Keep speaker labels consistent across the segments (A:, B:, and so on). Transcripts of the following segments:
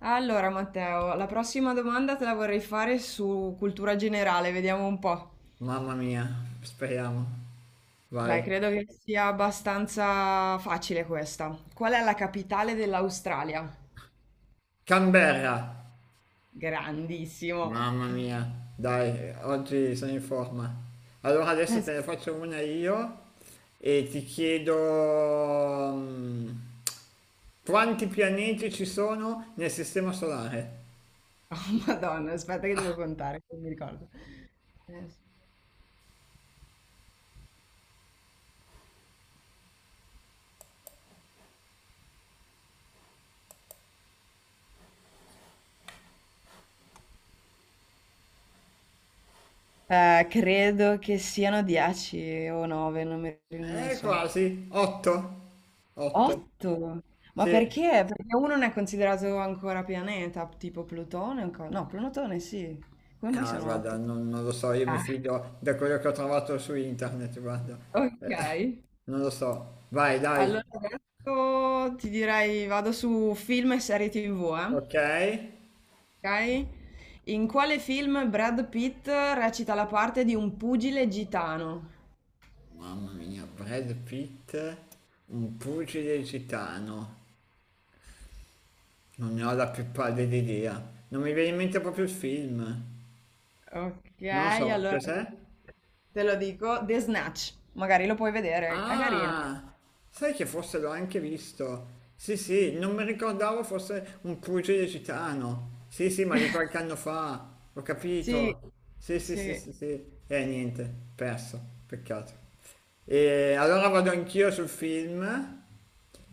A: Allora, Matteo, la prossima domanda te la vorrei fare su cultura generale, vediamo un po'.
B: Mamma mia, speriamo.
A: Dai,
B: Vai.
A: credo che sia abbastanza facile questa. Qual è la capitale dell'Australia?
B: Canberra.
A: Grandissimo.
B: Mamma mia, dai, oggi sono in forma. Allora adesso
A: Sì,
B: te ne faccio una io e ti chiedo quanti pianeti ci sono nel sistema solare?
A: Madonna, aspetta che devo contare, non mi ricordo. Credo che siano 10 o 9, non so.
B: Quasi, 8. 8.
A: 8? Ma
B: Sì.
A: perché? Perché uno non è considerato ancora pianeta, tipo Plutone? No, Plutone sì. Come mai
B: Ah,
A: sono
B: guarda,
A: 8?
B: non lo so, io mi
A: Ah,
B: fido da quello che ho trovato su internet, guarda. Eh,
A: ok.
B: Non lo so. Vai, dai.
A: Allora adesso ti direi vado su film e serie TV, eh?
B: Ok.
A: Ok? In quale film Brad Pitt recita la parte di un pugile gitano?
B: Mamma mia, Brad Pitt, un pugile gitano. Non ne ho la più pallida idea. Non mi viene in mente proprio il film.
A: Ok,
B: Non so,
A: allora
B: cos'è?
A: te lo dico, The Snatch. Magari lo puoi vedere, è carino.
B: Ah, sai che forse l'ho anche visto. Sì, sì, non mi ricordavo fosse un pugile gitano. Sì, sì, ma di qualche anno fa. Ho
A: Sì,
B: capito. Sì, sì, sì,
A: sì.
B: sì, sì. Niente, perso. Peccato. E allora vado anch'io sul film.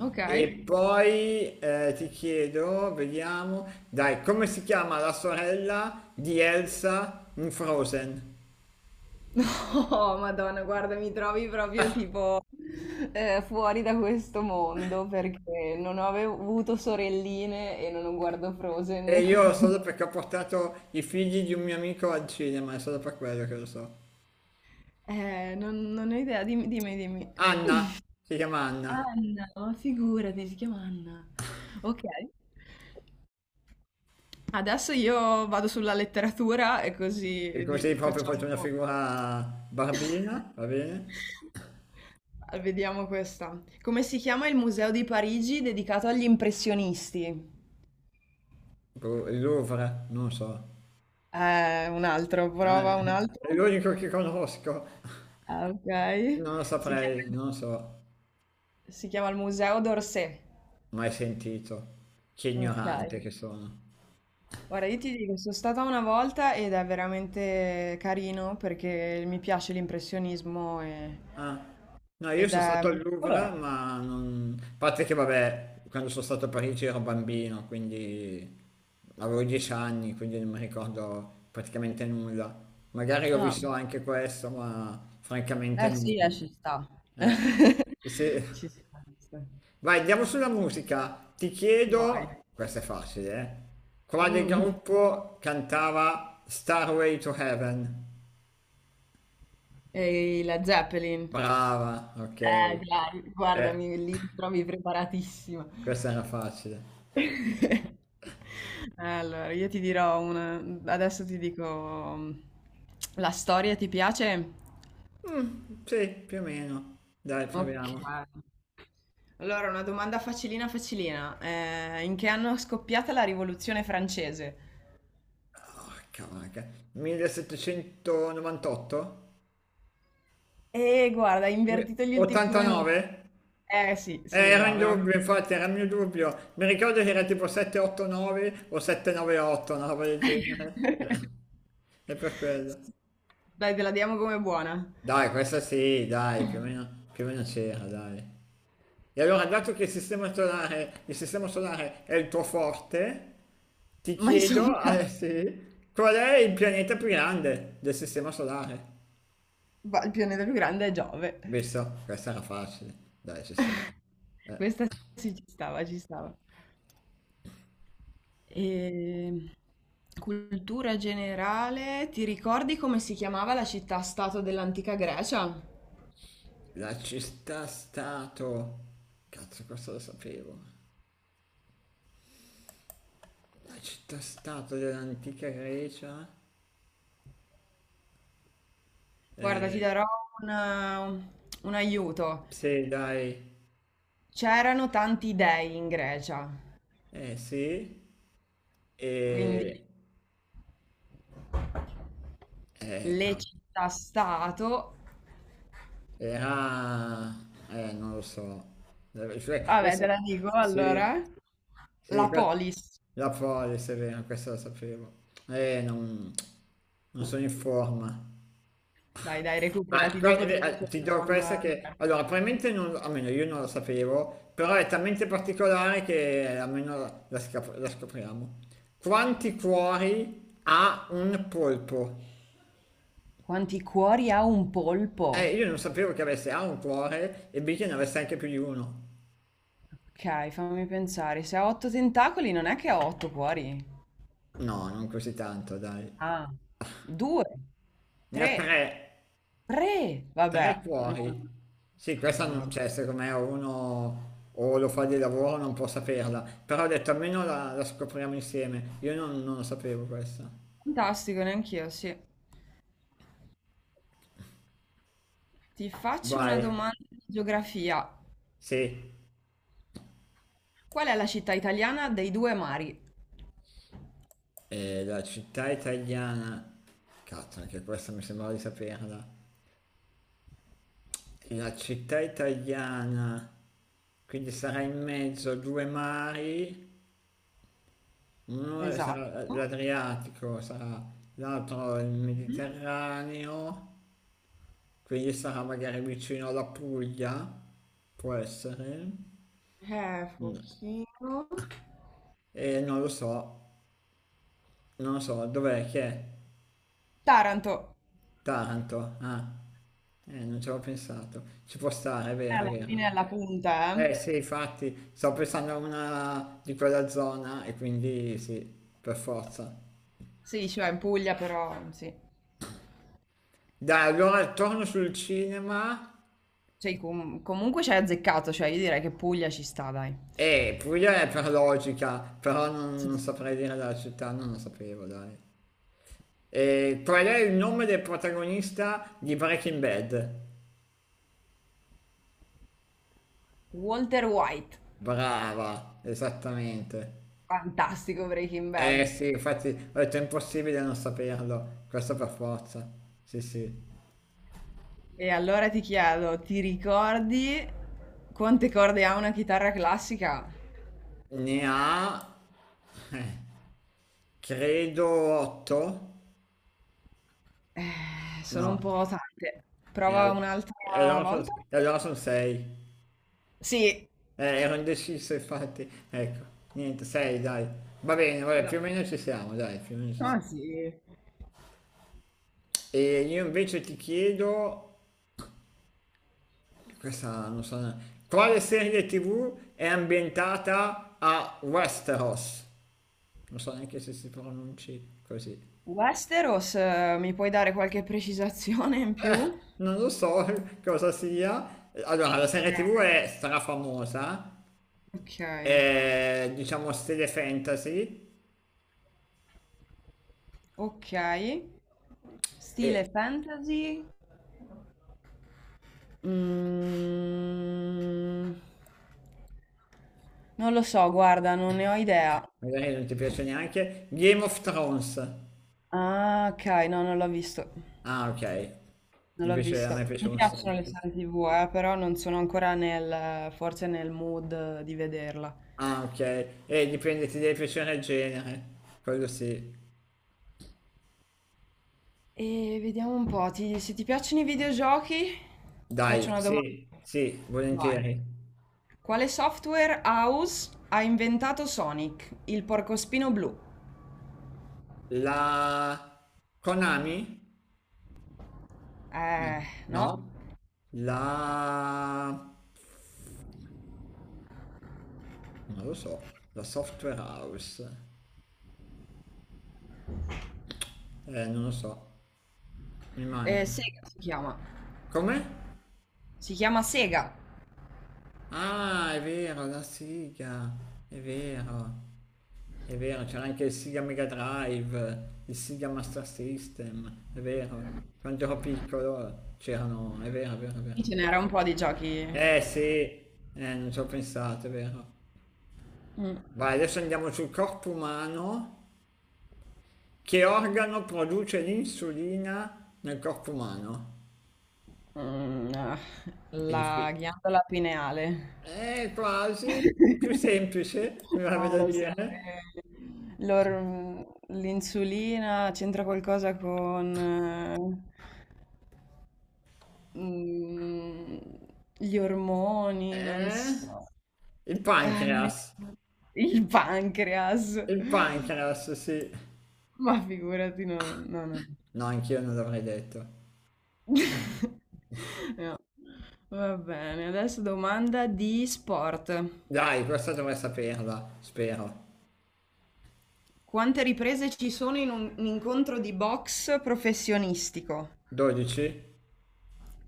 A: Ok.
B: E poi ti chiedo, vediamo, dai, come si chiama la sorella di Elsa in Frozen?
A: No, Madonna, guarda, mi trovi proprio tipo fuori da questo mondo perché non ho avuto sorelline e non guardo
B: E
A: Frozen,
B: io
A: quindi.
B: solo perché ho portato i figli di un mio amico al cinema, è solo per quello che lo so.
A: Non ho idea, dimmi, dimmi, dimmi.
B: Anna, si chiama Anna.
A: Anna, ma figurati, si chiama Anna. Ok. Adesso io vado sulla letteratura e
B: E
A: così
B: così proprio ho
A: facciamo
B: fatto
A: un
B: una
A: po'.
B: figura barbina, va bene?
A: Vediamo questa. Come si chiama il museo di Parigi dedicato agli impressionisti?
B: Boh, il Louvre, non so.
A: Un altro,
B: Eh,
A: prova un altro.
B: è l'unico che conosco,
A: Ah, ok.
B: non lo
A: Si
B: saprei,
A: chiama,
B: non lo so.
A: si chiama il Museo d'Orsay.
B: Mai sentito. Che
A: Ok.
B: ignorante che sono.
A: Ora, io ti dico, sono stata una volta ed è veramente carino perché mi piace l'impressionismo
B: Ah. No, io
A: ed
B: sono
A: è
B: stato al
A: molto
B: Louvre,
A: colorato.
B: ma non. A parte che, vabbè, quando sono stato a Parigi ero bambino, quindi avevo 10 anni, quindi non mi ricordo praticamente nulla. Magari ho
A: Ah,
B: visto anche questo, ma francamente
A: eh
B: non.
A: sì, ci sta.
B: Eh, se-
A: Ci sta. Ci sta.
B: Vai, andiamo sulla musica. Ti
A: Vai.
B: chiedo, questo è facile, eh? Quale
A: Mm.
B: gruppo cantava Starway to Heaven?
A: E la Zeppelin.
B: Brava, ok. Eh.
A: Guardami, lì mi trovi preparatissima.
B: Questa era facile.
A: Allora, io ti dirò una. Adesso ti dico. La storia ti piace?
B: Mm, sì, più o meno. Dai,
A: Ok.
B: proviamo.
A: Allora, una domanda facilina, facilina. In che anno è scoppiata la Rivoluzione francese?
B: Porca vacca. 1798?
A: Guarda, hai invertito gli ultimi due numeri.
B: 89?
A: Sì,
B: Eh,
A: sì,
B: era in
A: bravo. No.
B: dubbio, infatti, era il mio dubbio. Mi ricordo che era tipo 789 o 798, una roba del genere. È per quello.
A: Dai, te la diamo come buona.
B: Dai, questa sì, dai, più o meno c'era, dai. E allora, dato che il sistema solare è il tuo forte, ti
A: Ma insomma,
B: chiedo, sì, qual è il pianeta più grande del sistema solare?
A: il pianeta più grande è Giove.
B: Visto, questa era facile. Dai, ci sta. Eh,
A: Questa sì, ci stava, ci stava. E. Cultura generale, ti ricordi come si chiamava la città-stato dell'antica Grecia?
B: la città stato. Cazzo, questo lo sapevo. La città stato dell'antica Grecia.
A: Guarda, ti
B: Eh,
A: darò una- un aiuto.
B: sì, dai.
A: C'erano tanti dei in Grecia,
B: Sì.
A: quindi
B: E.
A: le
B: Cavolo.
A: città-stato.
B: Eh, ah, non lo so. Cioè,
A: Vabbè, te la dico
B: sì,
A: allora.
B: sì,
A: La polis.
B: la Polis è vero, questo lo sapevo. Eh, non, non sono in forma.
A: Dai, dai,
B: Ah,
A: recuperati, dopo ti faccio
B: ti
A: una
B: do questa
A: domanda
B: che.
A: diversa.
B: Allora, probabilmente non, almeno io non lo sapevo, però è talmente particolare che almeno la scopriamo. Quanti cuori ha un polpo?
A: Quanti cuori ha un polpo?
B: Io non sapevo che avesse A un cuore e B che ne avesse anche più di uno.
A: Ok, fammi pensare. Se ha otto tentacoli non è che ha otto cuori.
B: No, non così tanto, dai.
A: Ah, due,
B: Ne ha
A: tre,
B: tre,
A: tre.
B: tre
A: Vabbè, no,
B: cuori. Sì,
A: no,
B: questa,
A: no, vabbè.
B: cioè, secondo me uno o lo fa di lavoro o non può saperla. Però ho detto, almeno la scopriamo insieme. Io non lo sapevo questa.
A: Fantastico, neanch'io, sì. Ti faccio una
B: Vai.
A: domanda di geografia.
B: Sì.
A: Qual è la città italiana dei due mari?
B: La città italiana. Cazzo, anche questa mi sembrava di saperla. La città italiana. Quindi sarà in mezzo a due mari. Uno
A: Esatto.
B: sarà l'Adriatico, sarà l'altro il
A: Mhm.
B: Mediterraneo, quindi sarà magari vicino alla Puglia, può essere. No.
A: Pochino.
B: E non lo so, non lo so, dov'è che è?
A: Taranto.
B: Taranto, ah, non ci avevo pensato, ci può stare, è
A: È
B: vero, è
A: alla fine è
B: vero.
A: alla punta, eh?
B: Eh sì, infatti, sto pensando a una di quella zona e quindi sì, per forza.
A: Sì, cioè in Puglia, però sì.
B: Dai, allora torno sul cinema.
A: Cioè, comunque ci hai azzeccato, cioè io direi che Puglia ci sta, dai.
B: Puglia è per logica, però non
A: Sì.
B: saprei dire la città, non lo sapevo, dai. E qual è il nome del protagonista di Breaking Bad?
A: Walter White,
B: Brava, esattamente.
A: fantastico Breaking
B: Eh
A: Bad.
B: sì, infatti ho detto è impossibile non saperlo, questo per forza. Sì, sì.
A: E allora ti chiedo, ti ricordi quante corde ha una chitarra classica?
B: Ne ha, eh, credo 8?
A: Sono un
B: No,
A: po' tante.
B: e
A: Prova
B: al- e
A: un'altra volta?
B: allora sono 6.
A: Sì,
B: Ero indeciso, infatti. Ecco, niente, sei, dai. Va bene, vabbè, più o
A: dai.
B: meno ci siamo, dai, più o meno ci
A: Ah,
B: siamo.
A: sì.
B: E io invece ti chiedo, questa non so, quale serie TV è ambientata a Westeros? Non so neanche se si pronunci così.
A: Westeros, mi puoi dare qualche precisazione in più?
B: Non lo so cosa sia. Allora, la
A: Ok,
B: serie TV è strafamosa,
A: ok,
B: è diciamo stile fantasy
A: ok. Stile
B: e
A: fantasy, Mm, non lo so, guarda, non ne ho idea.
B: magari non ti piace neanche Game of Thrones.
A: Ah, ok, no, non l'ho visto.
B: Ah, ok.
A: Non l'ho
B: Invece a me
A: visto. Mi
B: piaceva un
A: piacciono le
B: sacco.
A: serie TV, però non sono ancora forse nel mood di vederla.
B: Ah, ok. E dipende, ti deve piacere il genere. Quello sì.
A: E vediamo un po', se ti piacciono i videogiochi, ti faccio
B: Dai,
A: una domanda.
B: sì, sì,
A: Vai.
B: volentieri.
A: Quale software house ha inventato Sonic, il porcospino blu?
B: La Konami? Mm.
A: Eh, no?
B: No. La. Non lo so. La Software House. Non lo so. Mi manca.
A: Sega si chiama.
B: Come?
A: Si chiama Sega.
B: Ah, è vero, la sigla. È vero. È vero, c'era anche il Sega Mega Drive, il Sega Master System, è vero. Quando ero piccolo c'erano, è vero, è vero, è
A: Sì,
B: vero.
A: ce n'era un po' di giochi.
B: Eh sì, non ci ho pensato, è vero.
A: Mm,
B: Vai, adesso andiamo sul corpo umano. Che organo produce l'insulina nel corpo umano?
A: ah,
B: È
A: la
B: difficile.
A: ghiandola pineale.
B: Quasi. Più semplice, mi va
A: Non
B: da
A: lo so.
B: dire.
A: eh, l'or- mm, L'insulina c'entra qualcosa con eh, mm, gli ormoni, non
B: Eh,
A: so.
B: il
A: Non mi
B: pancreas.
A: ricordo. Il pancreas.
B: Il pancreas, sì.
A: Ma figurati, no, no, no.
B: No, anch'io non l'avrei detto.
A: No. Va bene, adesso domanda di sport.
B: Dai, questa dovrei saperla, spero.
A: Quante riprese ci sono in un incontro di box professionistico?
B: 12?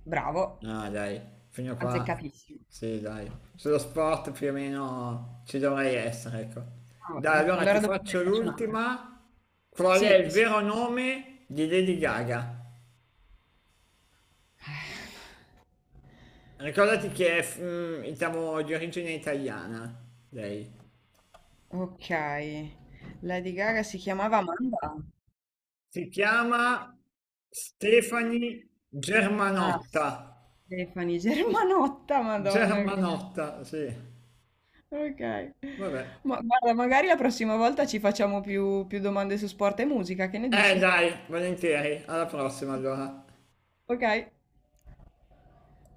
A: Bravo,
B: No, dai, fino a qua.
A: azzeccatissimo.
B: Sì, dai. Sullo sport più o meno ci dovrei essere, ecco.
A: Va
B: Dai,
A: bene,
B: allora
A: allora
B: ti
A: dopo te ne
B: faccio
A: faccio un'altra.
B: l'ultima. Qual è
A: Sì,
B: il
A: sì.
B: vero nome di Lady Gaga? Ricordati che è, diciamo, di origine italiana, lei.
A: Ok, Lady Gaga si chiamava Amanda.
B: Si chiama Stefani
A: Ah,
B: Germanotta.
A: Stefani Germanotta, Madonna.
B: Germanotta, sì.
A: Ok.
B: Vabbè.
A: Ma guarda, magari la prossima volta ci facciamo più, più domande su sport e musica, che ne dici?
B: Dai, volentieri, alla prossima allora.
A: Ok.